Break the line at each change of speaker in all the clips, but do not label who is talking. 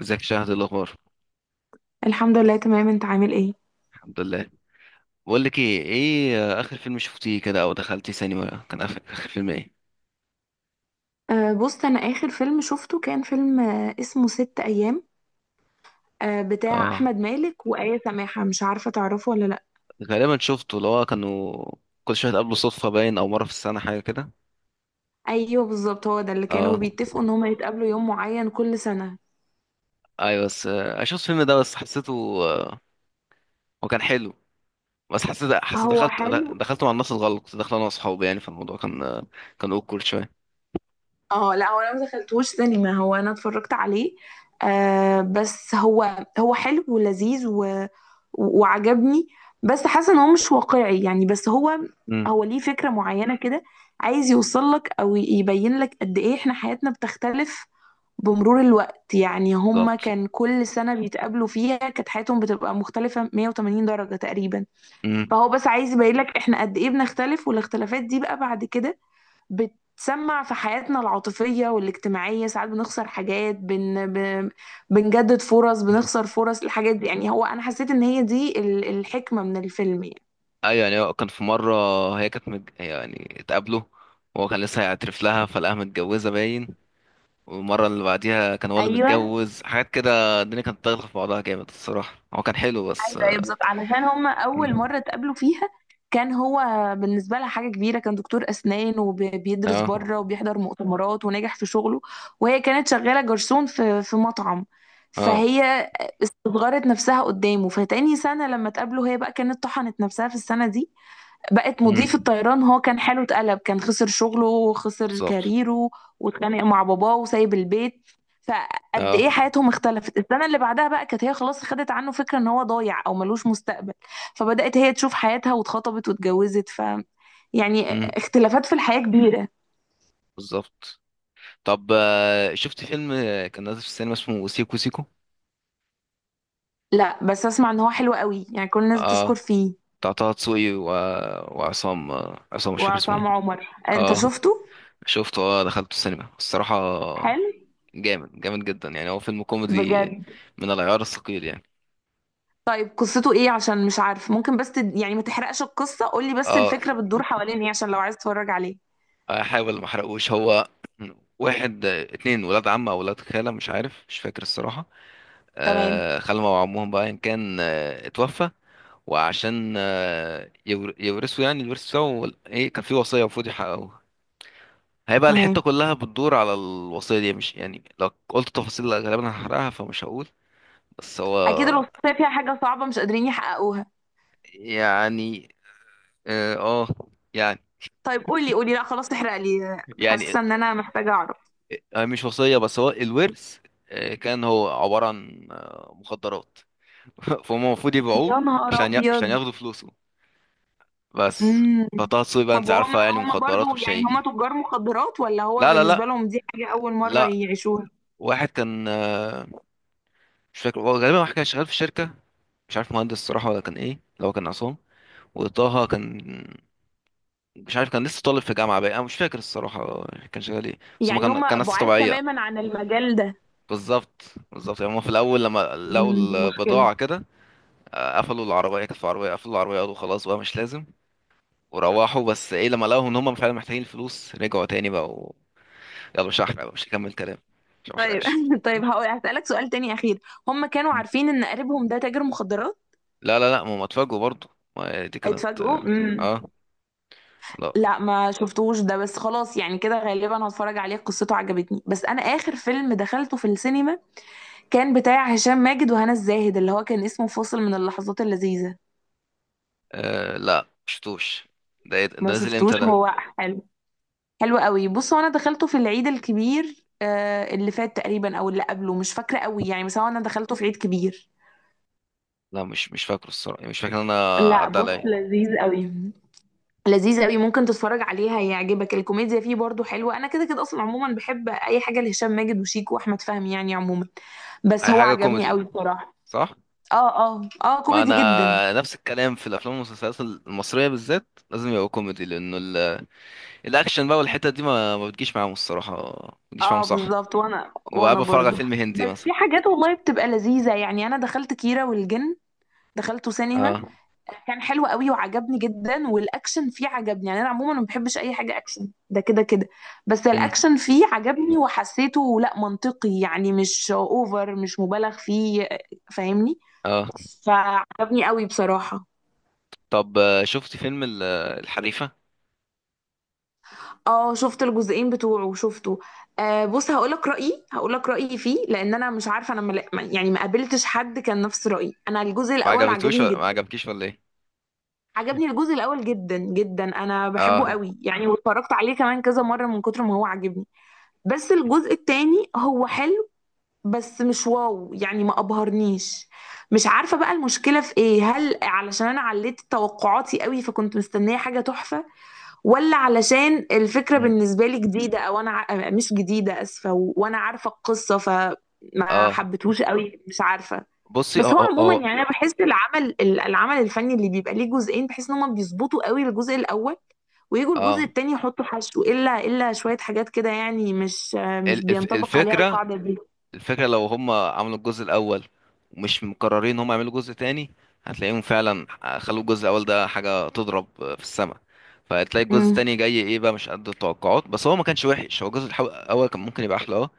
ازيك يا شهد؟ إيه الاخبار؟
الحمد لله، تمام. انت عامل ايه؟
الحمد لله. بقول لك ايه، اخر فيلم شفتيه كده او دخلتي سينما، كان آخر فيلم ايه؟
بص، انا اخر فيلم شفته كان فيلم اسمه ست ايام. بتاع
اه،
احمد مالك وآية سماحة. مش عارفة تعرفه ولا لا؟
غالبا شفته، اللي هو كانوا كل شويه قبله صدفه باين، او مره في السنه حاجه كده.
ايوه، بالظبط. هو ده اللي
اه
كانوا بيتفقوا ان هما يتقابلوا يوم معين كل سنة.
ايوه، بس آه، شفت الفيلم ده بس حسيته، آه، هو كان حلو، بس حسيت
هو
دخلت،
حلو.
دخلته مع الناس الغلط، كنت داخل انا واصحابي، يعني فالموضوع كان كان اوكل شويه.
اه، لا، هو انا ما دخلتوش سينما، هو انا اتفرجت عليه. بس هو حلو ولذيذ و... وعجبني. بس حاسه ان هو مش واقعي، يعني. بس هو
امم،
هو ليه فكره معينه كده، عايز يوصل لك او يبين لك قد ايه احنا حياتنا بتختلف بمرور الوقت. يعني هما
بالظبط.
كان كل سنه بيتقابلوا فيها كانت حياتهم بتبقى مختلفه 180 درجه تقريبا.
امم.
فهو بس عايز يبين لك احنا قد ايه بنختلف، والاختلافات دي بقى بعد كده بتسمع في حياتنا العاطفية والاجتماعية. ساعات بنخسر حاجات، بنجدد فرص، بنخسر فرص. الحاجات دي يعني، هو أنا حسيت إن هي دي الحكمة من الفيلم يعني.
ايوه، يعني هو كان في مره، يعني اتقابلوا وهو كان لسه هيعترف لها فلقاها متجوزه باين، والمره اللي بعديها كان هو اللي
ايوه،
متجوز، حاجات كده الدنيا كانت داخله في بعضها جامد الصراحه، هو كان حلو بس.
أيوة، بالظبط. علشان هما اول
مم.
مره اتقابلوا فيها كان هو بالنسبه لها حاجه كبيره، كان دكتور اسنان وبيدرس
اه.
بره وبيحضر مؤتمرات ونجح في شغله. وهي كانت شغاله جرسون في مطعم.
اه.
فهي استصغرت نفسها قدامه. فتاني سنه لما اتقابلوا، هي بقى كانت طحنت نفسها في السنه دي، بقت
مم.
مضيف الطيران. هو كان حاله اتقلب، كان خسر شغله وخسر
بالظبط.
كاريره، واتخانق مع باباه وسايب البيت. فقد
اه.
ايه حياتهم اختلفت. السنه اللي بعدها بقى كانت هي خلاص خدت عنه فكره ان هو ضايع او ملوش مستقبل، فبدات هي تشوف حياتها واتخطبت واتجوزت يعني
مم.
اختلافات في الحياه كبيره.
بالظبط. طب، شفت فيلم كان نازل في السينما اسمه سيكو سيكو؟
لا، بس اسمع ان هو حلو قوي، يعني كل الناس بتشكر
اه،
فيه.
بتاع طه دسوقي و... وعصام، عصام مش فاكر اسمه
وعصام
ايه.
عمر، انت
اه،
شفته؟
شفته، اه دخلته السينما الصراحه،
حلو،
جامد جامد جدا. يعني هو فيلم كوميدي
بجد؟
من العيار الثقيل يعني.
طيب، قصته ايه؟ عشان مش عارف، ممكن بس يعني ما تحرقش القصة، قولي بس
اه،
الفكرة بتدور حوالين ايه عشان لو عايز تتفرج عليه.
احاول ما احرقوش. هو اتنين ولاد عم او ولاد خالة، مش عارف مش فاكر الصراحة،
تمام،
آه خالهم او عمهم بقى ان كان اتوفى، وعشان يورثوا يعني الورث بتاعه، ايه كان في وصية المفروض يحققوها، هيبقى الحتة
تمام.
كلها بتدور على الوصية دي، مش يعني لو قلت تفاصيل غالبا هحرقها فمش هقول. بس هو،
اكيد الوصية فيها حاجة صعبة مش قادرين يحققوها.
يعني اه آه، يعني
طيب، قولي قولي، لا خلاص تحرق لي،
يعني
حاسة ان انا محتاجة اعرف.
يعني مش وصية، بس هو الورث كان هو عبارة عن مخدرات. فهم المفروض يبيعوه
يا نهار
عشان
ابيض!
ياخدوا فلوسه بس.
امم.
فطه دسوقي بقى
طب،
انت عارفة،
وهما
يعني
هما
مخدرات
برضو،
مش
يعني هما
هيجي.
تجار مخدرات ولا هو
لا،
بالنسبة لهم دي حاجة اول مرة
لا.
يعيشوها؟
واحد كان مش فاكر، هو غالبا واحد كان شغال في شركة، مش عارف مهندس الصراحة ولا كان ايه، لو كان عصام. وطه كان مش عارف، كان لسه طالب في جامعة بقى، انا مش فاكر الصراحة كان شغال ايه، بس هما
يعني
كان
هما
ناس
بعاد
طبيعية.
تماما عن المجال ده.
بالظبط. بالظبط، يعني هما في الأول لما لقوا
دي مشكلة.
البضاعة كده، قفلوا العربية، كانت عربية قفلوا العربية قالوا خلاص بقى مش لازم، وروحوا. بس ايه، لما لقوا ان هم فعلا محتاجين الفلوس رجعوا تاني بقى و... يلا مش هحرق بقى، مش هكمل كلام، مش
طيب
هحرقش.
طيب، هسألك سؤال تاني أخير. هم كانوا
مم.
عارفين إن قريبهم ده تاجر مخدرات؟
لا، ما هم اتفاجئوا برضه، ما دي كانت
اتفاجئوا،
اه،
امم.
آه، لا.
لا، ما شفتوش ده، بس خلاص يعني كده غالبا هتفرج عليه، قصته عجبتني. بس أنا آخر فيلم دخلته في السينما كان بتاع هشام ماجد وهنا الزاهد، اللي هو كان اسمه فاصل من اللحظات اللذيذة.
آه لا مشفتوش، ده إيه ده؟ ده
ما
نزل
شفتوش.
امتى ده؟
هو حلو، حلو قوي. بص هو أنا دخلته في العيد الكبير اللي فات تقريبا أو اللي قبله، مش فاكرة قوي يعني، بس هو أنا دخلته في عيد كبير.
لا، مش فاكره الصراحة، يعني مش فاكر ان انا
لا
عدى
بص،
عليا.
لذيذ قوي، لذيذ قوي. ممكن تتفرج عليها، يعجبك. الكوميديا فيه برضو حلوة. انا كده كده اصلا، عموما بحب اي حاجة لهشام ماجد وشيكو واحمد فهمي، يعني عموما. بس
اي
هو
حاجة
عجبني
كوميدي،
قوي بصراحة.
صح.
اه، اه، اه،
ما
كوميدي جدا.
انا نفس الكلام في الافلام والمسلسلات المصرية، بالذات لازم يبقى كوميدي، لانه الاكشن بقى والحتة دي ما بتجيش معاهم الصراحة، ما بتجيش معاهم،
اه
صح.
بالظبط، وانا
ببقى
وانا
بتفرج على
برضو.
فيلم هندي
بس
مثلا.
في حاجات والله بتبقى لذيذة، يعني انا دخلت كيرة والجن، دخلته سينما.
اه.
كان حلو قوي وعجبني جدا، والاكشن فيه عجبني، يعني انا عموما ما بحبش اي حاجه اكشن، ده كده كده. بس
امم.
الاكشن فيه عجبني وحسيته، لا، منطقي، يعني مش اوفر، مش مبالغ فيه. فاهمني؟
اه.
فعجبني قوي بصراحه.
طب، شفت فيلم الحريفة؟
اه شفت الجزئين بتوعه، شفته. بص، هقولك رأيي فيه. لأن أنا مش عارفة، أنا يعني ما قابلتش حد كان نفس رأيي. أنا الجزء
ما
الأول
عجبتوش
عجبني
ولا ما
جدا.
عجبكيش ولا ايه؟
عجبني الجزء الأول جدا جدا، أنا بحبه
اه.
قوي يعني، واتفرجت عليه كمان كذا مرة من كتر ما هو عجبني. بس الجزء التاني هو حلو، بس مش واو، يعني ما ابهرنيش. مش عارفة بقى المشكلة في ايه. هل علشان انا عليت توقعاتي قوي فكنت مستنية حاجة تحفة، ولا علشان الفكرة
مم.
بالنسبة لي جديدة، او انا مش جديدة، اسفة، و- وانا عارفة القصة فما
اه.
حبيتهوش قوي، مش عارفة.
بصي، اه
بس هو
اه
عموما يعني،
اه
انا بحس العمل العمل الفني اللي بيبقى ليه جزئين، بحس ان هما بيظبطوا قوي الجزء الاول، ويجوا
آه.
الجزء التاني يحطوا حشو، الا شويه حاجات كده، يعني مش بينطبق عليها
الفكرة،
القاعده دي.
الفكرة لو هم عملوا الجزء الأول، ومش مقررين هم يعملوا جزء تاني، هتلاقيهم فعلا خلوا الجزء الأول ده حاجة تضرب في السماء، فهتلاقي الجزء
امم.
التاني جاي ايه بقى، مش قد التوقعات. بس هو ما كانش وحش، هو الجزء الأول كان ممكن يبقى أحلى، اه.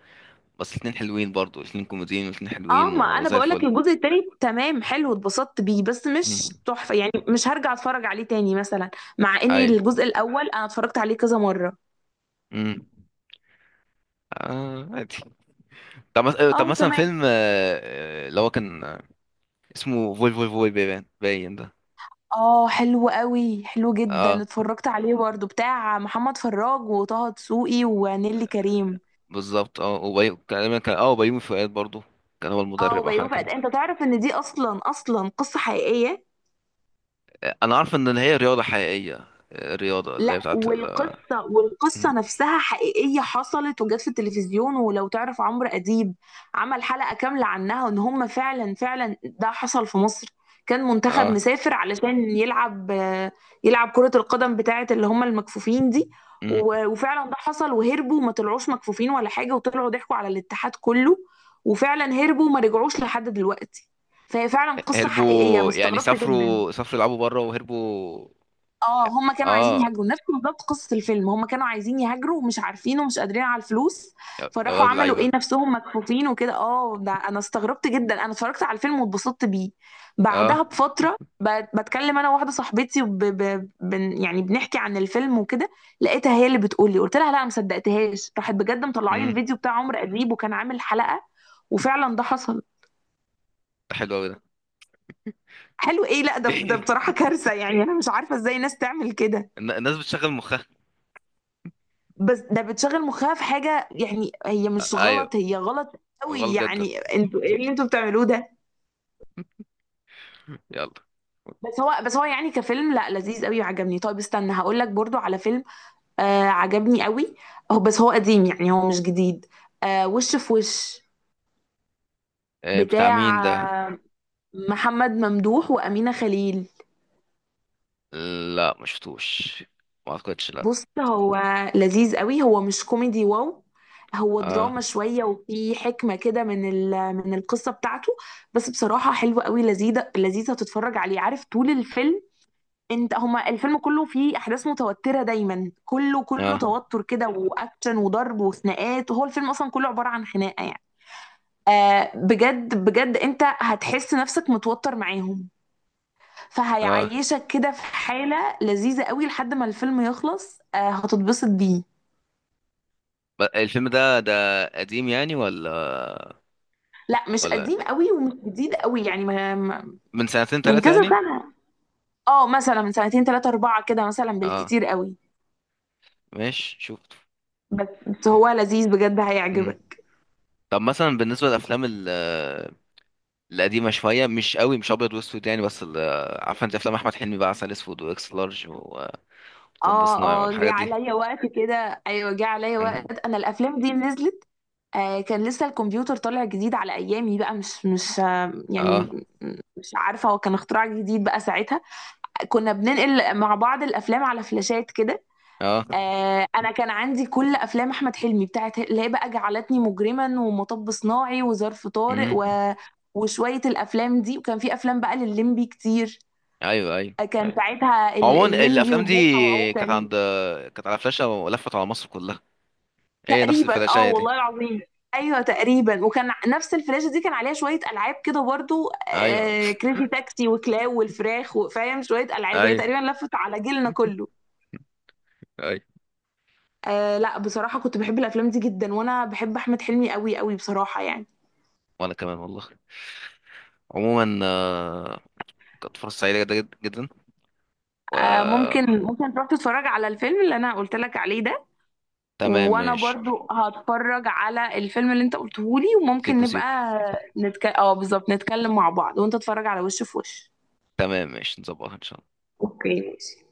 بس الاتنين حلوين برضو، الاتنين كوميديين والاتنين
اه،
حلوين
ما انا
وزي
بقول لك
الفل.
الجزء التاني تمام، حلو، اتبسطت بيه بس
مم.
مش تحفه، يعني مش هرجع اتفرج عليه تاني مثلا. مع ان
أيوة.
الجزء الاول انا اتفرجت عليه كذا مره.
مم. آه عادي. طب، طب
اه،
مثلا
تمام.
فيلم اللي هو كان اسمه فول فول فول باين باين ده.
اه، حلو قوي، حلو جدا،
اه،
اتفرجت عليه برضو، بتاع محمد فراج وطه دسوقي ونيلي كريم.
بالظبط. اه وبيومي اه وبيومي فؤاد برضو، كان هو
اه،
المدرب او حاجه
وبيومي
كان.
فؤاد. انت تعرف ان دي اصلا اصلا قصة حقيقية؟
انا عارف ان هي رياضه حقيقيه، الرياضه اللي هي
لا،
بتاعت ال.
والقصة
مم.
والقصة نفسها حقيقية، حصلت وجت في التلفزيون. ولو تعرف عمرو أديب، عمل حلقة كاملة عنها، وإن هم فعلا فعلا ده حصل في مصر. كان منتخب
اه.
مسافر علشان يلعب كرة القدم بتاعة اللي هم المكفوفين دي.
مم.
و- وفعلا ده حصل، وهربوا وما طلعوش مكفوفين ولا حاجة، وطلعوا ضحكوا على الاتحاد كله. وفعلا هربوا وما رجعوش لحد دلوقتي. فهي فعلا قصة حقيقية، أنا
هربوا يعني
استغربت جدا.
سافروا، سافروا يلعبوا بره وهربوا.
اه، هما كانوا عايزين
اه،
يهاجروا، نفس بالظبط قصة الفيلم. هما كانوا عايزين يهاجروا ومش عارفين ومش قادرين على الفلوس،
يا
فراحوا
ولاد
عملوا
اللعيبه.
ايه، نفسهم مكفوفين وكده. اه ده انا استغربت جدا. انا اتفرجت على الفيلم واتبسطت بيه. بعدها
اه.
بفترة، بتكلم انا وواحدة صاحبتي، يعني بنحكي عن الفيلم وكده. لقيتها هي اللي بتقول لي، قلت لها لا، ما صدقتهاش، راحت بجد مطلعه لي
امم.
الفيديو بتاع عمرو اديب وكان عامل حلقة. وفعلا ده حصل.
ده حلو قوي ده.
حلو ايه؟ لا ده بصراحة كارثة، يعني انا مش عارفة ازاي ناس تعمل كده.
الناس بتشغل مخها.
بس ده بتشغل مخها في حاجة، يعني هي مش
ايوه،
غلط، هي غلط قوي،
غلط جدا.
يعني انتوا ايه اللي انتوا بتعملوه ده؟
يلا.
بس هو يعني كفيلم، لا، لذيذ قوي وعجبني. طيب استنى، هقول لك برضو على فيلم عجبني قوي. بس هو قديم، يعني هو مش جديد. وش في وش.
بتاع مين
بتاع
ده؟
آه، محمد ممدوح وأمينة خليل.
لا ما شفتوش، ما اعتقدش، لا.
بص، هو لذيذ قوي، هو مش كوميدي واو، هو
اه
دراما شوية وفي حكمة كده من القصة بتاعته. بس بصراحة، حلوة قوي، لذيذة لذيذة تتفرج عليه، عارف؟ طول الفيلم انت، هما الفيلم كله فيه احداث متوترة دايما، كله كله
اه
توتر كده، واكشن وضرب وخناقات، وهو الفيلم اصلا كله عبارة عن خناقة يعني. بجد بجد انت هتحس نفسك متوتر معاهم،
اه
فهيعيشك كده في حالة لذيذة قوي لحد ما الفيلم يخلص، هتتبسط بيه.
الفيلم ده ده قديم يعني ولا؟
لا مش
ولا
قديم قوي ومش جديد قوي، يعني
من سنتين
من
ثلاثة
كذا
يعني؟
سنة. اه، مثلا من سنتين ثلاثة أربعة كده، مثلا
اه
بالكتير قوي.
ماشي، شفته.
بس هو لذيذ بجد،
مم.
هيعجبك.
طب مثلا بالنسبة القديمة شوية، مش قوي مش أبيض وأسود يعني، عارفة أنت أفلام أحمد حلمي بقى، عسل أسود وإكس لارج ومطب
اه،
صناعي
اه، جه
والحاجات دي.
عليا وقت كده، ايوه جه عليا
مم.
وقت انا الافلام دي نزلت. كان لسه الكمبيوتر طالع جديد على ايامي بقى، مش مش آه يعني
اه.
مش عارفه هو كان اختراع جديد بقى ساعتها. كنا بننقل مع بعض الافلام على فلاشات كده.
اه.
انا كان عندي كل افلام احمد حلمي بتاعت اللي هي بقى جعلتني مجرما، ومطب صناعي، وظرف طارق،
مم.
و... وشويه الافلام دي. وكان في افلام بقى لللمبي كتير.
أيوه أيوه.
كان
أيوة.
ساعتها
عموما
اللمبي
الأفلام
وبوحه
دي كانت
وعوكل.
عند، كانت على فلاشة ولفت على مصر كلها. ايه، نفس
تقريبا اه،
الفلاشاية دي؟
والله العظيم. ايوه تقريبا، وكان نفس الفلاشه دي كان عليها شويه العاب كده برضو.
أيوه.
كريزي تاكسي وكلاو والفراخ وفاهم، شويه العاب هي
أيوه.
تقريبا لفت على جيلنا كله.
أيوه.
لا بصراحه كنت بحب الافلام دي جدا، وانا بحب احمد حلمي قوي قوي بصراحه يعني.
وأنا كمان والله. عموما كانت فرصة سعيدة جدا جدا جدا. و
ممكن تروح تتفرج على الفيلم اللي انا قلت لك عليه ده.
تمام،
وانا
ماشي.
برضو هتفرج على الفيلم اللي انت قلته لي، وممكن
سيكو سيكو.
نبقى نتك... اه بالظبط نتكلم مع بعض وانت تتفرج على وش في وش.
تمام ماشي، نظبطها إن شاء الله.
اوكي ماشي.